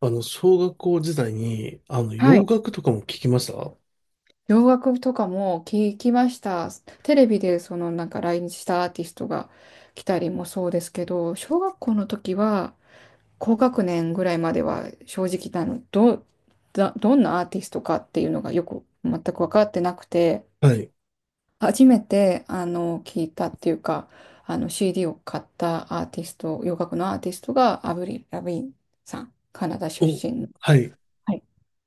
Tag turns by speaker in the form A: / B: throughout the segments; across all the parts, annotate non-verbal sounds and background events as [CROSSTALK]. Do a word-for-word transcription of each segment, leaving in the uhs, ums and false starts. A: あの、小学校時代に、あの、
B: は
A: 洋
B: い。
A: 楽とかも聞きました。
B: 洋楽とかも聞きました。テレビでそのなんか来日したアーティストが来たりもそうですけど、小学校の時は高学年ぐらいまでは正直なの、ど、だ、どんなアーティストかっていうのがよく全く分かってなくて、
A: はい。
B: 初めてあの聞いたっていうか、あの シーディー を買ったアーティスト、洋楽のアーティストがアブリル、ラビーンさん、カナダ出
A: お、
B: 身の。
A: はい。
B: はい、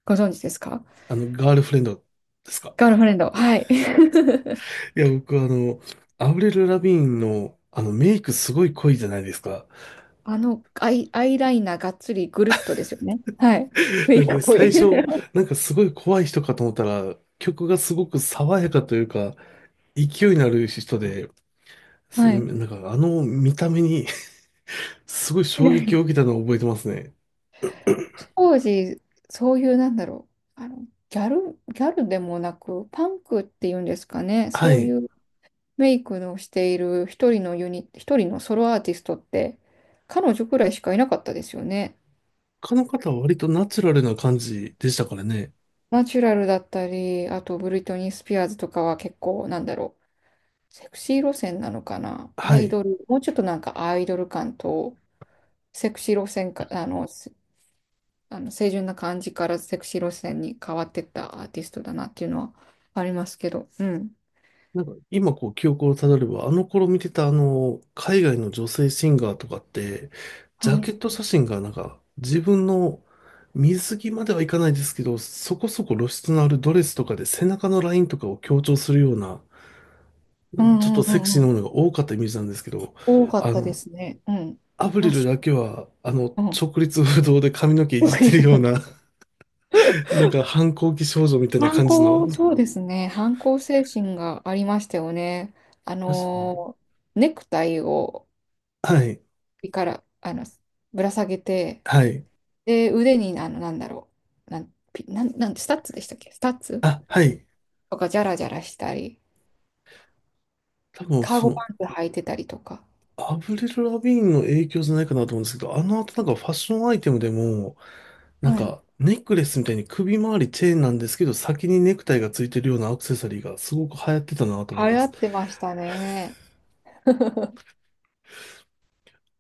B: ご存知ですか？
A: あの、ガールフレンドですか。
B: ガールフレンド。はい。[LAUGHS]
A: いや、僕、あの、アブレル・ラビーンの、あの、メイクすごい濃いじゃないですか。
B: あのアイ、アイライナーがっつりぐるっとですよね。
A: [LAUGHS]
B: はい。メ
A: な
B: イ
A: ん
B: クっ
A: で、
B: ぽ
A: 最
B: い。
A: 初、
B: [LAUGHS]
A: なんかすごい怖い人かと思ったら、曲がすごく爽やかというか、勢いのある人で、す
B: はい。
A: なんか、あの見た目に [LAUGHS] すごい
B: み
A: 衝
B: たい
A: 撃
B: な。
A: を受けたのを覚えてますね。
B: 当時、そういうなんだろう。あの、ギャル、ギャルでもなく、パンクっていうんですかね。
A: は
B: そう
A: い。
B: いうメイクのしている一人のユニ、一人のソロアーティストって、彼女くらいしかいなかったですよね。
A: 他の方は割とナチュラルな感じでしたからね。
B: ナチュラルだったり、あとブリトニー・スピアーズとかは結構なんだろう。セクシー路線なのかな。
A: は
B: アイ
A: い。
B: ドル、もうちょっとなんかアイドル感と、セクシー路線か、あの、せあの清純な感じからセクシー路線に変わってったアーティストだなっていうのはありますけど、うん。
A: なんか今こう記憶をたどれば、あの頃見てたあの、海外の女性シンガーとかって、ジ
B: は
A: ャ
B: い。
A: ケット写真がなんか自分の水着まではいかないですけど、そこそこ露出のあるドレスとかで背中のラインとかを強調するような、
B: う
A: ちょっ
B: んう
A: と
B: んう
A: セクシ
B: ん
A: ー
B: う
A: なも
B: ん。
A: のが多かったイメージなんですけど、
B: 多かっ
A: あ
B: たで
A: の、
B: すね。うん。
A: アブ
B: ファ
A: リ
B: ッ
A: ル
B: シ
A: だけは、あの、
B: ョン。うん。
A: 直立不動で髪の毛
B: [LAUGHS]
A: いじっ
B: 特に
A: てる
B: そう
A: よう
B: だ
A: な、なんか反抗期少女みたいな
B: 反
A: 感じの、
B: 抗、そうですね。反抗精神がありましたよね。あのー、ネクタイを
A: はい、
B: 首から、あの、ぶら下げて、
A: はい。
B: で、腕に、あの、なんだろう。なん、ピなん、なん、スタッツでしたっけ、スタッツ
A: あ、はい。
B: とか、じゃらじゃらしたり。
A: 多分、
B: カー
A: そ
B: ゴパ
A: の、
B: ンツ履いてたりとか。
A: アブリル・ラビーンの影響じゃないかなと思うんですけど、あの後なんかファッションアイテムでも、なん
B: はい。
A: か、ネックレスみたいに首周りチェーンなんですけど、先にネクタイがついてるようなアクセサリーがすごく流行ってたなと
B: 流
A: 思いま
B: 行
A: す。
B: ってましたね。[LAUGHS]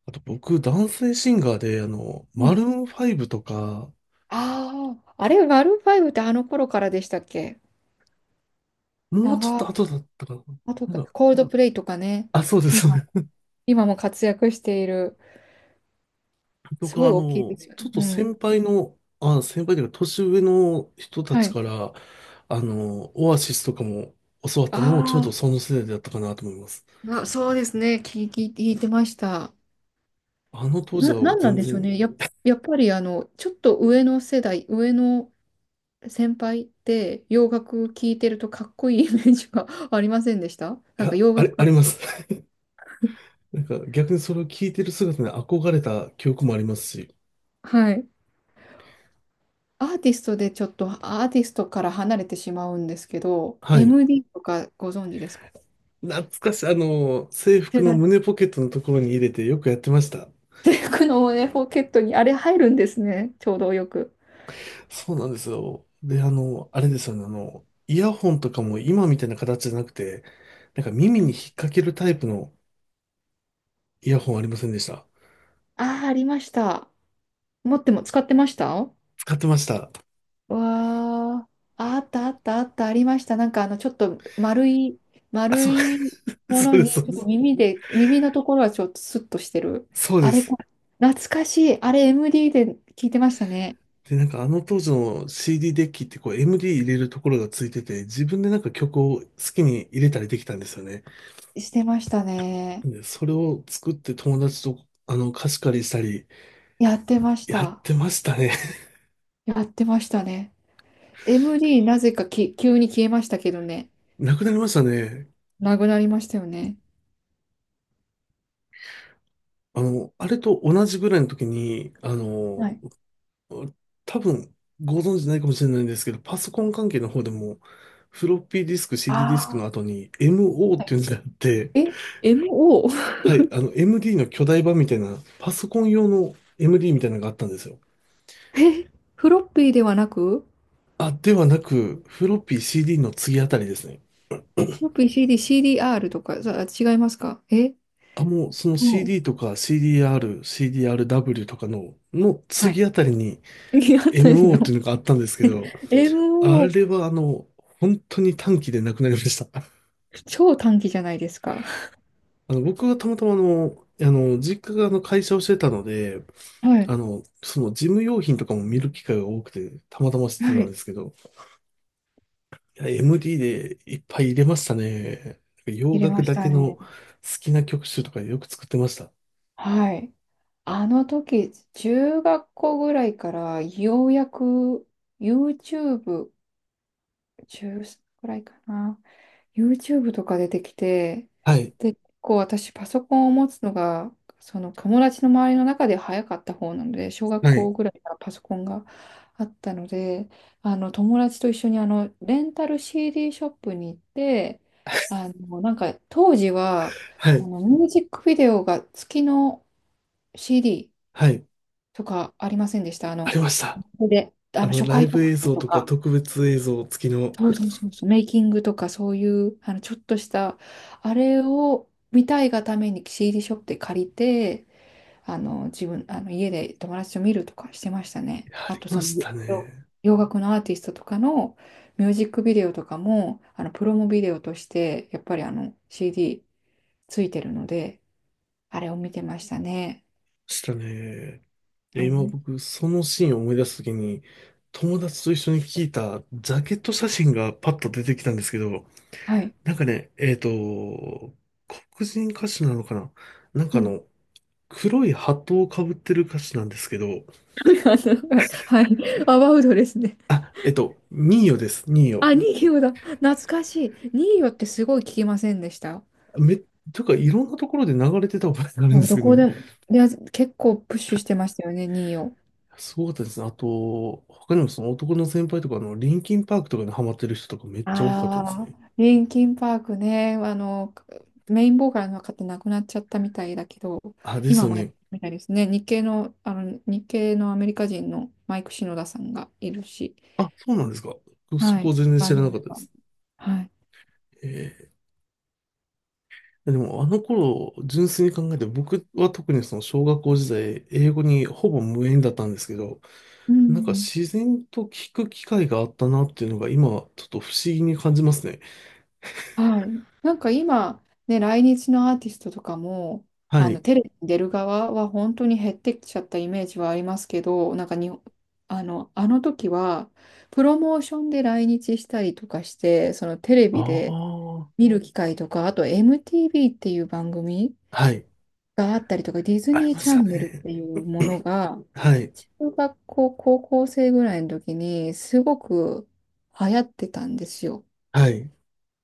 A: あと僕、男性シンガーで、あの、
B: う
A: マルー
B: ん。
A: ンファイブとか、
B: ああ、あれ、マルーンファイブってあの頃からでしたっけ？
A: もうちょっ
B: 長い。
A: と後だったかな。
B: あと
A: な
B: か、
A: んか、
B: コールドプレイとかね。
A: あ、そうです。そ
B: 今、
A: う、
B: 今も活躍している。す
A: 僕
B: ご
A: は
B: い
A: あ
B: 大きいで
A: の、
B: すよ
A: ちょ
B: ね。
A: っと
B: うん。
A: 先輩の、あ、先輩というか年上の人た
B: は
A: ち
B: い。
A: から、あの、オアシスとかも教わったのもちょうど
B: あ
A: その世代だったかなと思います。
B: ーあ、そうですね。聞い、聞い聞いてました。
A: あの当時
B: な、
A: は
B: なんなん
A: 全
B: でしょう
A: 然、い
B: ね。や、やっぱりあの、ちょっと上の世代、上の先輩って洋楽聴いてるとかっこいい [LAUGHS] イメージが [LAUGHS] ありませんでした？なんか
A: や、
B: 洋
A: あ
B: 楽
A: れ、あ
B: か、
A: ります。[LAUGHS] なんか逆にそれを聞いてる姿に憧れた記憶もありますし、
B: はい。アーティストでちょっとアーティストから離れてしまうんですけど
A: はい。
B: エムディー とかご存知ですか？
A: 懐かしい、あの、制服
B: 手だ
A: の
B: っ
A: 胸ポケットのところに入れてよくやってました。
B: て、服のね、ポケットにあれ入るんですね。ちょうどよく。
A: そうなんですよ。で、あの、あれですよね、あの、イヤホンとかも今みたいな形じゃなくて、なんか
B: う
A: 耳に
B: ん。
A: 引っ掛けるタイプのイヤホンありませんでした。
B: ああ、ありました。持っても使ってました。
A: 使ってました。
B: わあ、あったあったあった、ありました。なんかあの、ちょっと丸い、
A: あ、そ
B: 丸
A: う、
B: い
A: [LAUGHS]
B: も
A: そう
B: の
A: です、そ
B: に、ち
A: う
B: ょっ
A: で
B: と
A: す。
B: 耳で、耳のところはちょっとスッとしてる。
A: そうで
B: あれ
A: す。
B: か、懐かしい。あれ エムディー で聞いてましたね。
A: で、なんかあの当時の シーディー ディーデッキってこう エムディー 入れるところがついてて、自分でなんか曲を好きに入れたりできたんですよね。
B: してましたね。
A: で、それを作って友達とあの貸し借りしたり
B: やってまし
A: やっ
B: た。
A: てましたね。[LAUGHS]
B: やってましたね。エムディー なぜかき急に消えましたけどね。
A: なくなりましたね。
B: なくなりましたよね。
A: あの、あれと同じぐらいの時に、あ
B: は
A: の、
B: い。
A: 多分ご存知ないかもしれないんですけど、パソコン関係の方でも、フロッピーディスク、シーディー ディーディスク
B: あ
A: の
B: あ。
A: 後に エムオー っていうのがあって、
B: え？ エムオー？
A: は
B: [LAUGHS]
A: い、あの エムディー の巨大版みたいな、パソコン用の エムディー みたいなのがあったんですよ。
B: え、フロッピーではなく、
A: あ、ではなく、フロッピー CD の次あたりですね。
B: ピー c d シーディーアール とか、さ、違いますか？え
A: あ、もうその
B: もう、
A: CD とか CDR、CDRW とかの、の
B: は
A: 次
B: い。
A: あたりに
B: 次あたり
A: MO ってい
B: の
A: うのがあったんですけど、あれ
B: エムオー、
A: はあの、本当に短期でなくなりました。
B: 超短期じゃないですか。
A: あの、僕がたまたまあの、あの、実家があの会社をしてたので、
B: はい。
A: あの、その事務用品とかも見る機会が多くて、たまたま知ってた
B: は
A: んで
B: い。
A: すけど、いや、エムディー でいっぱい入れましたね。洋
B: 入れ
A: 楽
B: まし
A: だけ
B: た
A: の
B: ね。
A: 好きな曲集とかよく作ってました。
B: はい。あの時、中学校ぐらいから、ようやく YouTube、中ちゅうさんぐらいかな。YouTube とか出てきて、
A: はい、
B: で、結構私パソコンを持つのが、その友達の周りの中で早かった方なので、小学
A: はい、
B: 校ぐらいからパソコンがあったので、あの友達と一緒にあのレンタル シーディー ショップに行って、あのなんか当時は
A: は
B: あ
A: い、
B: のミュージックビデオが月の シーディー
A: はい、
B: とかありませんでした？あ
A: あり
B: の、
A: ました。
B: で、
A: あ
B: あの
A: の、
B: 初
A: ライ
B: 回
A: ブ
B: 特
A: 映
B: 典
A: 像
B: と
A: とか
B: か。
A: 特別映像付きの、
B: そうそうそうそう、メイキングとかそういう、あの、ちょっとした、あれを見たいがために シーディー ショップで借りて、あの、自分、あの、家で友達と見るとかしてましたね。
A: いやあ
B: あ
A: り
B: と、
A: ま
B: そ
A: し
B: の、
A: た
B: よ
A: ね。
B: 洋楽のアーティストとかのミュージックビデオとかも、あの、プロモビデオとして、やっぱりあの、シーディー ついてるので、あれを見てましたね。
A: したね。
B: あ
A: で、
B: の
A: 今
B: ね、
A: 僕、そのシーンを思い出すときに、友達と一緒に聞いたジャケット写真がパッと出てきたんですけど、
B: はい。
A: なんかね、えっと、黒人歌手なのかな、なんか
B: う
A: あ
B: ん。
A: の、黒いハットをかぶってる歌手なんですけど、
B: [LAUGHS] あの、はい。アバウトですね。
A: あ、えっと、ニーヨです、ニーヨ。
B: あ、ニーヨだ。懐かしい。ニーヨってすごい聞きませんでした？
A: め、というか、いろんなところで流れてた覚えがあるん
B: そ
A: で
B: うど
A: すけど
B: こ
A: ね。
B: でも、いや、結構プッシュしてましたよね、ニーヨ。
A: すごかったですね。あと、他にもその男の先輩とか、あの、リンキンパークとかにハマってる人とかめっちゃ多かったです
B: あ
A: ね。
B: あ、リンキンパークね、あの、メインボーカルの方亡くなっちゃったみたいだけど、
A: あ、です
B: 今
A: よ
B: もやって
A: ね。
B: るみたいですね。日系の、あの、日系のアメリカ人のマイク・シノダさんがいるし、
A: あ、そうなんですか。そ
B: は
A: こ
B: い。
A: 全然
B: バ
A: 知
B: ン
A: ら
B: ド
A: な
B: メ
A: かっ
B: ン
A: たで
B: バー。
A: す。
B: はい。
A: えーでもあの頃、純粋に考えて、僕は特にその小学校時代、英語にほぼ無縁だったんですけど、
B: う
A: なんか
B: ん。
A: 自然と聞く機会があったなっていうのが今、ちょっと不思議に感じますね。
B: はい。なんか今、ね、来日のアーティストとかも、
A: は
B: あの、
A: い。
B: テレビに出る側は本当に減ってきちゃったイメージはありますけど、なんかに、あの、あの時は、プロモーションで来日したりとかして、そのテレ
A: あ
B: ビで
A: あ。
B: 見る機会とか、あと エムティーブイ っていう番組
A: はい。
B: があったりとか、ディズ
A: あり
B: ニー
A: ま
B: チ
A: し
B: ャ
A: た
B: ンネルっ
A: ね。
B: ていうものが、
A: はい。
B: 中学校、高校生ぐらいの時にすごく流行ってたんですよ。
A: はい。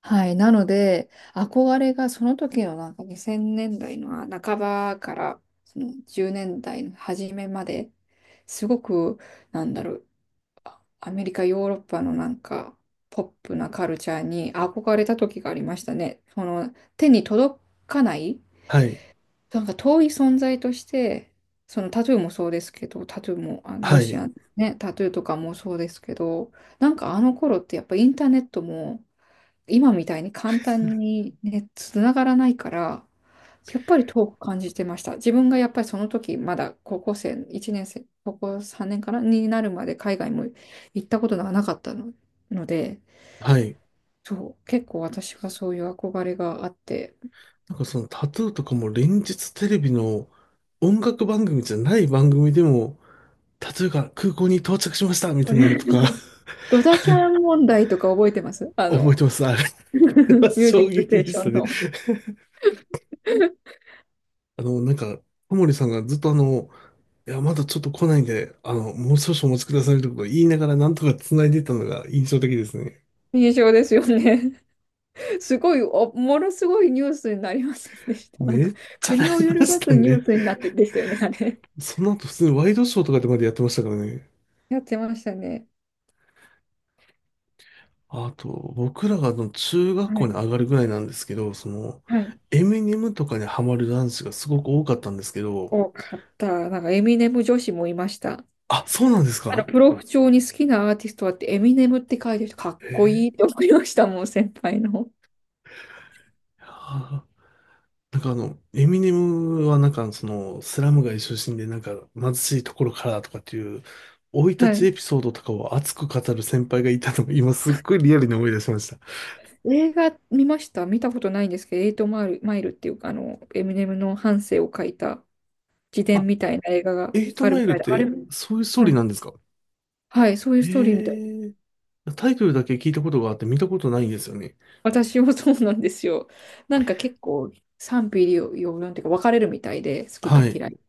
B: はい。なので、憧れがその時のなんかにせんねんだいの半ばからそのじゅうねんだいの初めまで、すごく、なんだろう、あアメリカ、ヨーロッパのなんか、ポップなカルチャーに憧れた時がありましたね。その、手に届かない、
A: はい。
B: なんか遠い存在として、そのタトゥーもそうですけど、タトゥーも、あのロ
A: は
B: シ
A: い。
B: アンね、タトゥーとかもそうですけど、なんかあの頃ってやっぱインターネットも、今みたいに簡単にね、つながらないから、やっぱり遠く感じてました。自分がやっぱりその時、まだ高校生、いちねん生、高校さんねんかなになるまで海外も行ったことがなかったの、ので、
A: はい。
B: そう、結構私はそういう憧れがあって。
A: なんかそのタトゥーとかも連日テレビの音楽番組じゃない番組でも例えば空港に到着しましたみたいなのとか
B: [LAUGHS] ドタキャン問題とか覚えてます？
A: [LAUGHS]
B: あ
A: 覚え
B: の、
A: てます。あれは [LAUGHS]
B: ミュージ
A: 衝
B: ックステ
A: 撃
B: ー
A: で
B: シ
A: し
B: ョ
A: た
B: ン
A: ね。
B: の。
A: あの、なんか、小森さんがずっとあの、いや、まだちょっと来ないんで、あの、もう少々お待ちくださいことか言いながらなんとか繋いでたのが印象的ですね。
B: [LAUGHS] 印象ですよね。すごい、おものすごいニュースになりませんでした？なん
A: め
B: か、
A: っちゃな
B: 国を
A: り
B: 揺
A: ま
B: る
A: し
B: が
A: た
B: すニュ
A: ね。
B: ースになってでしたよね、あれ。
A: その後普通にワイドショーとかでまでやってましたからね。
B: やってましたね。
A: あと、僕らがあの中学
B: は
A: 校に
B: い。
A: 上がるぐらいなんですけど、その、
B: はい。
A: エミネムとかにハマる男子がすごく多かったんですけど、
B: 多かった。なんか、エミネム女子もいました。
A: あ、そうなんです
B: あの、
A: か。
B: プロフ帳に好きなアーティストはって、エミネムって書いてる人、かっ
A: へ
B: こい
A: ー、
B: いって思いましたもん、先輩の。
A: なんかあの、エミネムはなんかその、スラム街出身でなんか貧しいところからとかっていう、生い立
B: は
A: ち
B: い。
A: エピソードとかを熱く語る先輩がいたのを今すっごいリアルに思い出しました。
B: 映画見ました、見たことないんですけど、エイトマイル、マイルっていうか、あの、エミネムの半生を書いた自伝
A: あ、
B: みたいな映画が
A: エイト
B: ある
A: マ
B: み
A: イル
B: たい
A: っ
B: で、あれ
A: て
B: も、
A: そういうストー
B: は
A: リーな
B: い。
A: んですか。
B: はい、そういう
A: え
B: ストーリーみたい。
A: えータイトルだけ聞いたことがあって見たことないんですよね。
B: 私もそうなんですよ。なんか結構賛否両論というか分かれるみたいで、好きか
A: はい。
B: 嫌い。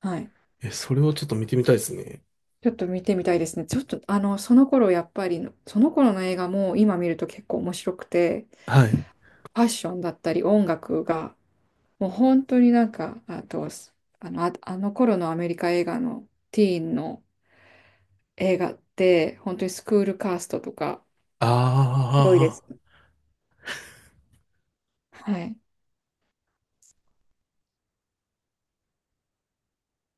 B: はい。
A: え、それをちょっと見てみたいですね。
B: ちょっと見てみたいですね。ちょっとあの、その頃やっぱり、その頃の映画も今見ると結構面白くて、
A: はい。
B: ファッションだったり音楽が、もう本当になんか、あと、あの、あ、あの頃のアメリカ映画のティーンの映画って、本当にスクールカーストとか、ひどいで
A: ああ。
B: す。はい。